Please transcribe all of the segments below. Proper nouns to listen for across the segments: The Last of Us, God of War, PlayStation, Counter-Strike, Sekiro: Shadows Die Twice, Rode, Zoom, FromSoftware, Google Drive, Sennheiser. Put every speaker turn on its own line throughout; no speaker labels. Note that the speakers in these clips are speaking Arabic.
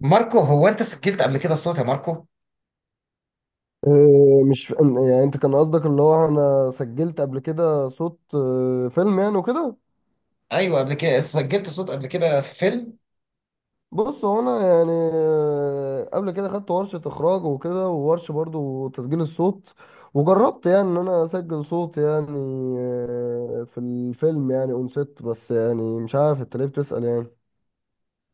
ماركو، هو انت سجلت قبل كده صوت يا ماركو؟
إيه، مش يعني انت كان قصدك اللي هو انا سجلت قبل كده صوت فيلم يعني وكده.
ايوه، قبل كده سجلت صوت قبل كده في فيلم.
بص هو انا يعني قبل كده خدت ورشة اخراج وكده وورشة برضو تسجيل الصوت. وجربت يعني ان انا اسجل صوت يعني في الفيلم يعني اون ست، بس يعني مش عارف انت ليه بتسأل يعني.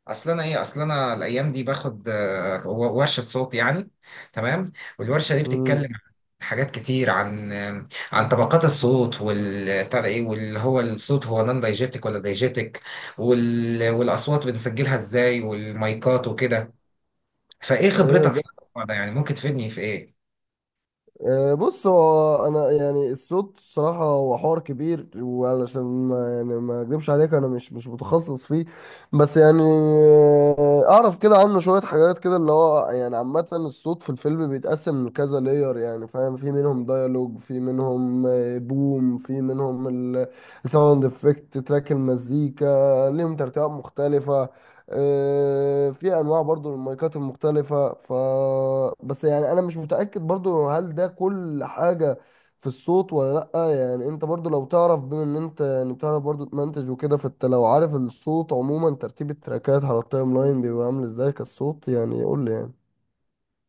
اصل انا الايام دي باخد ورشه صوت يعني. تمام. والورشه دي بتتكلم
مم.
عن حاجات كتير، عن عن طبقات الصوت، وال بتاع ده ايه، واللي هو الصوت هو نان دايجيتك ولا دايجيتك، والاصوات بنسجلها ازاي، والمايكات وكده. فايه
ايه.
خبرتك في الموضوع ده يعني، ممكن تفيدني في ايه؟
بص هو انا يعني الصوت الصراحه هو حوار كبير، وعلشان ما يعني ما اكذبش عليك انا مش متخصص فيه. بس يعني اعرف كده عنه شويه حاجات كده، اللي هو يعني عامه الصوت في الفيلم بيتقسم لكذا لاير، يعني فاهم، في منهم ديالوج، في منهم بوم، في منهم الساوند افكت تراك المزيكا، ليهم ترتيبات مختلفه. في انواع برضو للمايكات المختلفة. بس يعني انا مش متأكد برضو هل ده كل حاجة في الصوت ولا لأ، يعني انت برضو لو تعرف، بما ان انت يعني بتعرف برضو تمنتج وكده، فانت لو عارف الصوت عموما ترتيب التراكات على التايم لاين بيبقى عامل ازاي كالصوت، يعني قول لي يعني.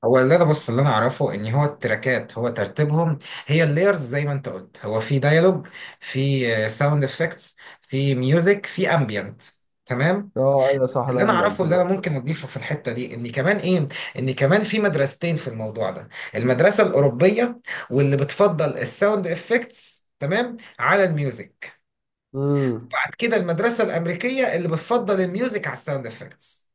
هو اللي انا بص اللي انا اعرفه ان هو التراكات هو ترتيبهم، هي اللايرز زي ما انت قلت، هو في ديالوج، في ساوند افكتس، في ميوزك، في امبيانت. تمام.
اه ايوه صح.
اللي
لا
انا
انت
اعرفه اللي انا
ده.
ممكن اضيفه في الحته دي ان كمان ايه، ان كمان في مدرستين في الموضوع ده. المدرسه الاوروبيه واللي بتفضل الساوند افكتس تمام على الميوزك.
امم.
بعد كده المدرسه الامريكيه اللي بتفضل الميوزك على الساوند افكتس.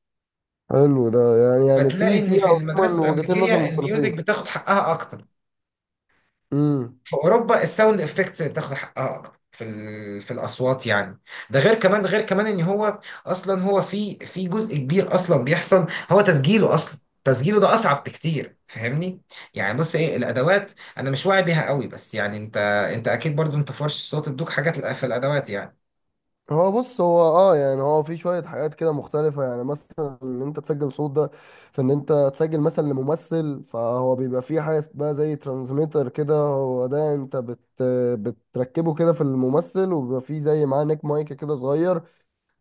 حلو، ده يعني
فتلاقي
في
ان
في
في المدرسه
عموما وجهتين
الامريكيه
نظر
الميوزك
مختلفين.
بتاخد حقها اكتر،
امم.
في اوروبا الساوند افكتس اللي بتاخد حقها اكتر في في الاصوات يعني. ده غير كمان، غير كمان ان هو اصلا هو في جزء كبير اصلا بيحصل، هو تسجيله اصلا، تسجيله ده اصعب بكتير، فاهمني؟ يعني بص ايه الادوات، انا مش واعي بيها قوي، بس يعني انت اكيد برضو انت فرش الصوت ادوك حاجات في الادوات يعني.
هو بص هو يعني هو في شوية حاجات كده مختلفة، يعني مثلا ان انت تسجل صوت ده، في ان انت تسجل مثلا لممثل، فهو بيبقى فيه حاجة اسمها زي ترانسميتر كده، هو ده انت بتركبه كده في الممثل، وبيبقى فيه زي معاه نيك مايك كده صغير،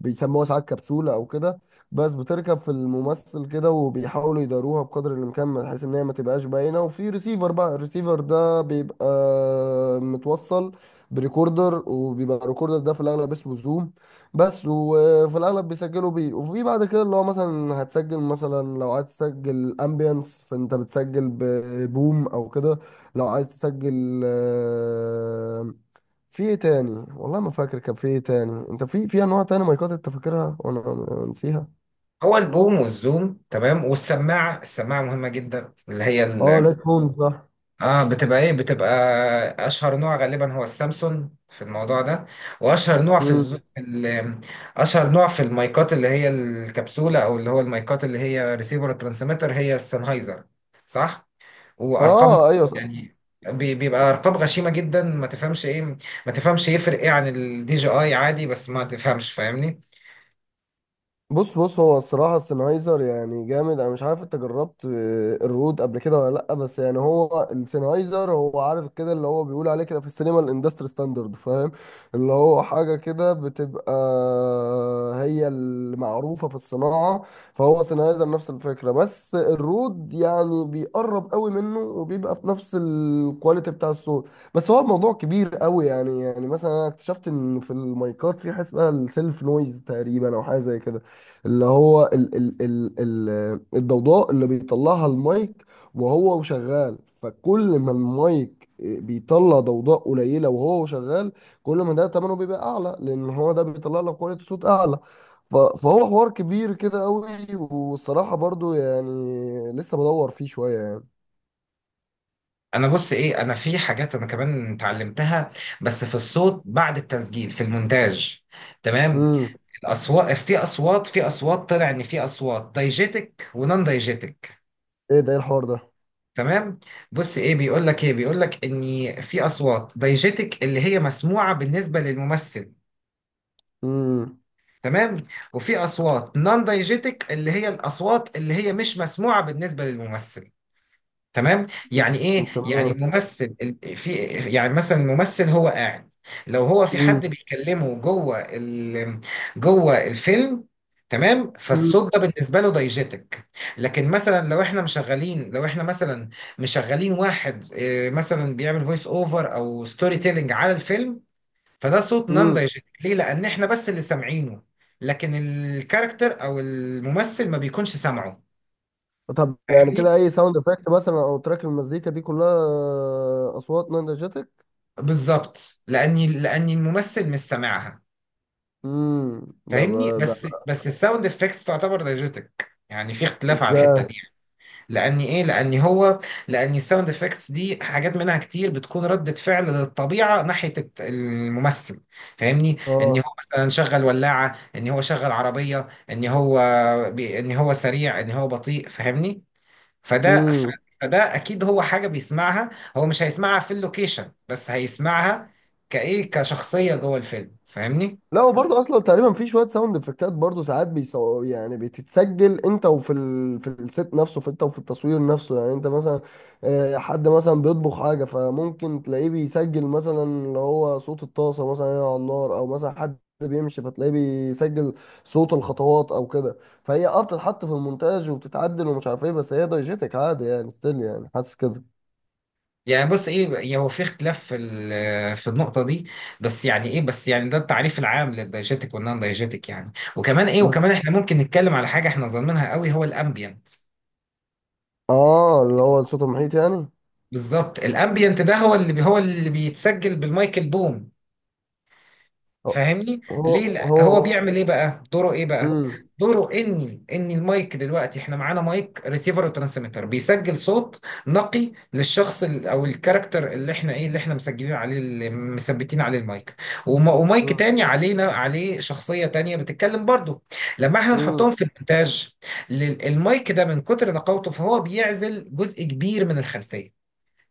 بيسموها ساعات كبسولة أو كده. بس بتركب في الممثل كده، وبيحاولوا يداروها بقدر الإمكان بحيث إن هي ما تبقاش باينة، وفي ريسيفر، بقى الريسيفر ده بيبقى متوصل بريكوردر، وبيبقى الريكوردر ده في الأغلب اسمه زوم بس. وفي الأغلب بيسجلوا بيه، وفي بعد كده اللي هو مثلا هتسجل، مثلا لو عايز تسجل أمبيانس فأنت بتسجل ببوم أو كده، لو عايز تسجل في ايه تاني، والله ما فاكر كان في ايه تاني، انت في انواع تاني مايكات انت فاكرها وانا نسيها.
هو البوم والزوم تمام، والسماعه، السماعه مهمه جدا اللي هي
اه،
ال-
ليت هون صح.
اه، بتبقى ايه، بتبقى اشهر نوع غالبا هو السامسونج في الموضوع ده. واشهر نوع في
مم.
اشهر نوع في المايكات اللي هي الكبسولة، او اللي هو المايكات اللي هي ريسيفر ترانسميتر، هي السennheiser. صح. وارقام
اه ايوه.
يعني، بيبقى ارقام غشيمة جدا، ما تفهمش ايه، ما تفهمش يفرق ايه عن الدي جي اي عادي، بس ما تفهمش، فاهمني؟
بص هو الصراحة السنهايزر يعني جامد، أنا مش عارف أنت جربت الرود قبل كده ولا لأ، بس يعني هو السنهايزر هو عارف كده، اللي هو بيقول عليه كده في السينما الاندستري ستاندرد، فاهم، اللي هو حاجة كده بتبقى هي المعروفة في الصناعة. فهو سنهايزر نفس الفكرة، بس الرود يعني بيقرب قوي منه وبيبقى في نفس الكواليتي بتاع الصوت. بس هو الموضوع كبير قوي، يعني مثلا أنا اكتشفت إن في المايكات في حاجة اسمها السيلف نويز تقريبا أو حاجة زي كده، اللي هو ال الضوضاء اللي بيطلعها المايك وهو شغال، فكل ما المايك بيطلع ضوضاء قليلة وهو شغال، كل ما ده تمنه بيبقى أعلى، لأن هو ده بيطلع لك كواليتي صوت أعلى. فهو حوار كبير كده أوي، والصراحة برضو يعني لسه بدور فيه شوية يعني.
انا بص ايه، انا في حاجات انا كمان اتعلمتها بس في الصوت بعد التسجيل في المونتاج. تمام.
امم.
الاصوات، في اصوات، في اصوات طلع ان في اصوات دايجيتك ونون دايجيتك.
ايه ده؟ ايه الحوار ده؟
تمام. بص ايه، بيقول لك ايه، بيقول لك ان في اصوات دايجيتك اللي هي مسموعه بالنسبه للممثل.
امم.
تمام. وفي اصوات نون دايجيتك اللي هي الاصوات اللي هي مش مسموعه بالنسبه للممثل. تمام. يعني ايه، يعني
تمام.
ممثل ال- في يعني مثلا ممثل هو قاعد، لو هو في
امم.
حد بيكلمه جوه الفيلم. تمام.
امم،
فالصوت ده بالنسبه له دايجيتك. لكن مثلا لو احنا مشغلين، لو احنا مثلا مشغلين واحد مثلا بيعمل فويس اوفر او ستوري تيلينج على الفيلم، فده صوت نان
امم.
دايجيتك. ليه؟ لان احنا بس اللي سامعينه، لكن الكاركتر او الممثل ما بيكونش سامعه،
طب يعني
فاهمني؟
كده اي ساوند افكت مثلا او تراك المزيكا دي كلها اصوات نينجاتك.
بالظبط، لاني الممثل مش سامعها،
امم. ده ده
فاهمني. بس،
ده-
بس الساوند افكتس تعتبر دايجيتك، يعني في اختلاف على الحته
ازاي؟
دي. لاني ايه، لاني هو، لاني الساوند افكتس دي حاجات منها كتير بتكون رده فعل للطبيعه ناحيه الممثل، فاهمني؟ ان هو
اه،
مثلا شغل ولاعه، ان هو شغل عربيه، ان هو ان هو سريع، ان هو بطيء، فاهمني؟ فده ف- فده اكيد هو حاجه بيسمعها، هو مش هيسمعها في اللوكيشن بس هيسمعها كايه، كشخصيه جوه الفيلم، فاهمني؟
لا هو برضه اصلا تقريبا في شويه ساوند افكتات برضه ساعات يعني بتتسجل، انت وفي في الست نفسه، في انت وفي التصوير نفسه، يعني انت مثلا حد مثلا بيطبخ حاجه، فممكن تلاقيه بيسجل مثلا اللي هو صوت الطاسه مثلا هنا على النار، او مثلا حد بيمشي فتلاقيه بيسجل صوت الخطوات او كده. فهي بتتحط في المونتاج وبتتعدل ومش عارف ايه، بس هي دايجيتك عادي يعني، ستيل يعني، حاسس كده.
يعني بص ايه، يعني هو في اختلاف في في النقطه دي، بس يعني ايه، بس يعني ده التعريف العام للدايجيتك والنون دايجيتك يعني. وكمان ايه،
بس.
وكمان احنا ممكن نتكلم على حاجه احنا ظالمينها قوي، هو الامبيانت.
اه، اللي هو الصوت المحيط يعني.
بالظبط، الامبيانت ده هو هو اللي بيتسجل بالمايك البوم،
هو
فاهمني؟ ليه؟
هو
لا هو
هو
بيعمل ايه بقى، دوره ايه بقى؟
مم.
دوره اني، ان المايك، دلوقتي احنا معانا مايك ريسيفر وترانسميتر بيسجل صوت نقي للشخص او الكاركتر اللي احنا ايه، اللي احنا مسجلين عليه، اللي مثبتين عليه المايك. ومايك تاني علينا، عليه شخصية تانية بتتكلم برضه. لما احنا
مم.
نحطهم في المونتاج، المايك ده من كتر نقاوته فهو بيعزل جزء كبير من الخلفية،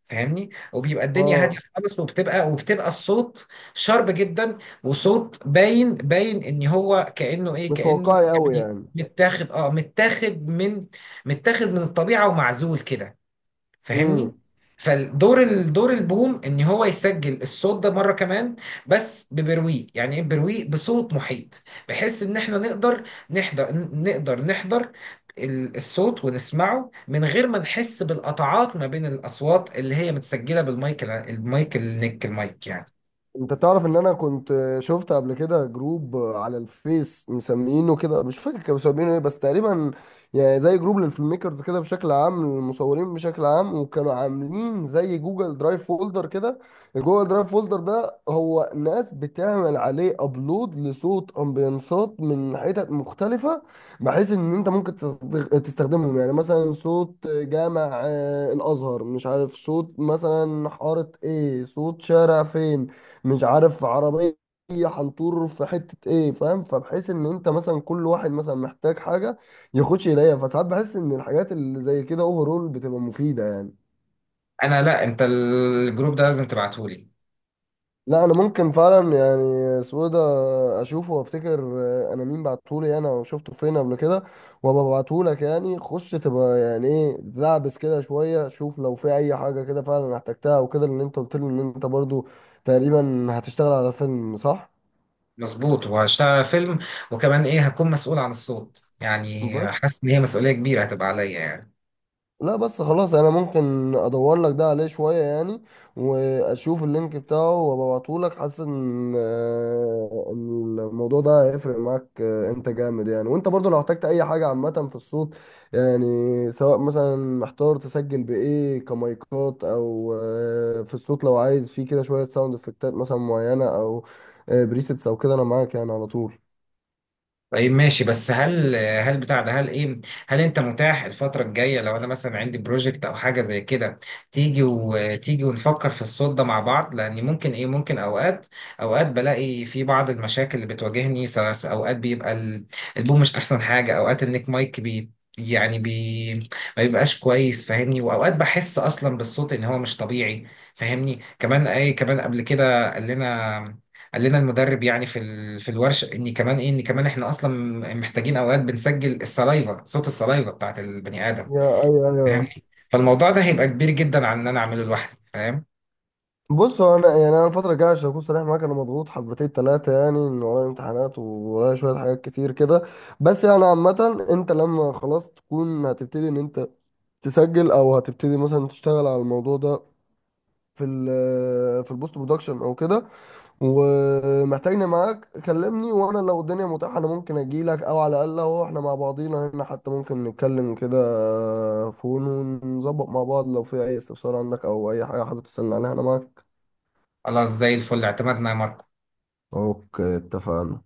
فاهمني، وبيبقى الدنيا هاديه
اه،
خالص، وبتبقى الصوت شارب جدا، وصوت باين، باين ان هو كانه ايه،
مش
كانه
واقعي قوي
يعني
يعني.
متاخد، اه متاخد من، متاخد من الطبيعه ومعزول كده، فاهمني.
امم.
فالدور، الدور البوم ان هو يسجل الصوت ده مره كمان، بس ببرويق، يعني ايه برويق، بصوت محيط، بحيث ان احنا نقدر نحضر، نقدر نحضر الصوت ونسمعه من غير ما نحس بالقطعات ما بين الاصوات اللي هي متسجله بالمايك المايك النك المايك يعني.
انت تعرف ان انا كنت شفت قبل كده جروب على الفيس مسمينه كده، مش فاكر كانوا مسمينه ايه بس تقريبا، يعني زي جروب للفيلم ميكرز كده بشكل عام للمصورين بشكل عام، وكانوا عاملين زي جوجل درايف فولدر كده. الجوجل درايف فولدر ده هو ناس بتعمل عليه ابلود لصوت امبيانسات من حتت مختلفة، بحيث ان انت ممكن تستخدمهم، يعني مثلا صوت جامع الازهر، مش عارف، صوت مثلا حارة ايه، صوت شارع فين، مش عارف، عربية هنطور في حتة ايه، فاهم، فبحيث ان انت مثلا كل واحد مثلا محتاج حاجة يخش يلاقيها، فساعات بحس ان الحاجات اللي زي كده اوفرول بتبقى مفيدة يعني.
انا لا، انت الجروب ده لازم تبعتهولي.
لا، انا ممكن فعلا يعني سويدة اشوفه، وافتكر انا مين بعتهولي انا، وشفته فين قبل كده، وابقى ابعتهولك، يعني خش تبقى يعني ايه لعبس كده شوية، شوف لو في اي حاجة كده فعلا احتجتها وكده، لان انت قلت لي ان انت برضو تقريبا هتشتغل على فيلم صح؟
مظبوط، وهشتغل على فيلم، وكمان ايه، هكون مسؤول عن الصوت يعني،
بس
حاسس ان هي مسؤوليه كبيره هتبقى عليا يعني.
لا، بس خلاص انا ممكن ادور لك ده عليه شويه يعني، واشوف اللينك بتاعه وابعته لك. حاسس ان آه، إن الموضوع ده هيفرق معاك، انت جامد يعني، وانت برضو لو احتجت اي حاجه عامه في الصوت يعني، سواء مثلا محتار تسجل بايه كمايكات، او في الصوت لو عايز فيه كده شويه ساوند افكتات مثلا معينه او بريسيتس او كده، انا معاك يعني على طول.
طيب، ماشي، بس هل، هل بتاع ده، هل ايه، هل انت متاح الفترة الجاية لو انا مثلا عندي بروجكت او حاجة زي كده، تيجي ونفكر في الصوت ده مع بعض؟ لان ممكن ايه، ممكن اوقات، اوقات بلاقي في بعض المشاكل اللي بتواجهني سلس، اوقات بيبقى البوم مش احسن حاجة، اوقات النيك مايك بي يعني بي ما بيبقاش كويس، فاهمني، واوقات بحس اصلا بالصوت ان هو مش طبيعي، فاهمني. كمان اي، كمان قبل كده قال لنا، قال لنا المدرب يعني في في الورشه ان كمان ايه، ان كمان احنا اصلا محتاجين اوقات بنسجل السلايفا، صوت السلايفا بتاعت البني ادم،
يا ايوه ايوه.
فاهمني. فالموضوع ده هيبقى كبير جدا عن ان انا اعمله لوحدي، فاهم.
بص هو انا يعني انا الفتره الجايه عشان اكون صريح معاك انا مضغوط حبتين ثلاثه، يعني ان ورايا امتحانات وورايا شويه حاجات كتير كده، بس يعني عامه انت لما خلاص تكون هتبتدي ان انت تسجل، او هتبتدي مثلا تشتغل على الموضوع ده في ال آه، في البوست برودكشن او كده، ومحتاجني معاك كلمني، وانا لو الدنيا متاحه انا ممكن اجي لك، او على الاقل هو احنا مع بعضينا هنا حتى ممكن نتكلم كده فون ونظبط مع بعض، لو في اي استفسار عندك او اي حاجه حابب تسالني عليها انا معاك.
خلاص، زي الفل، اعتمدنا يا مروة.
اوكي اتفقنا.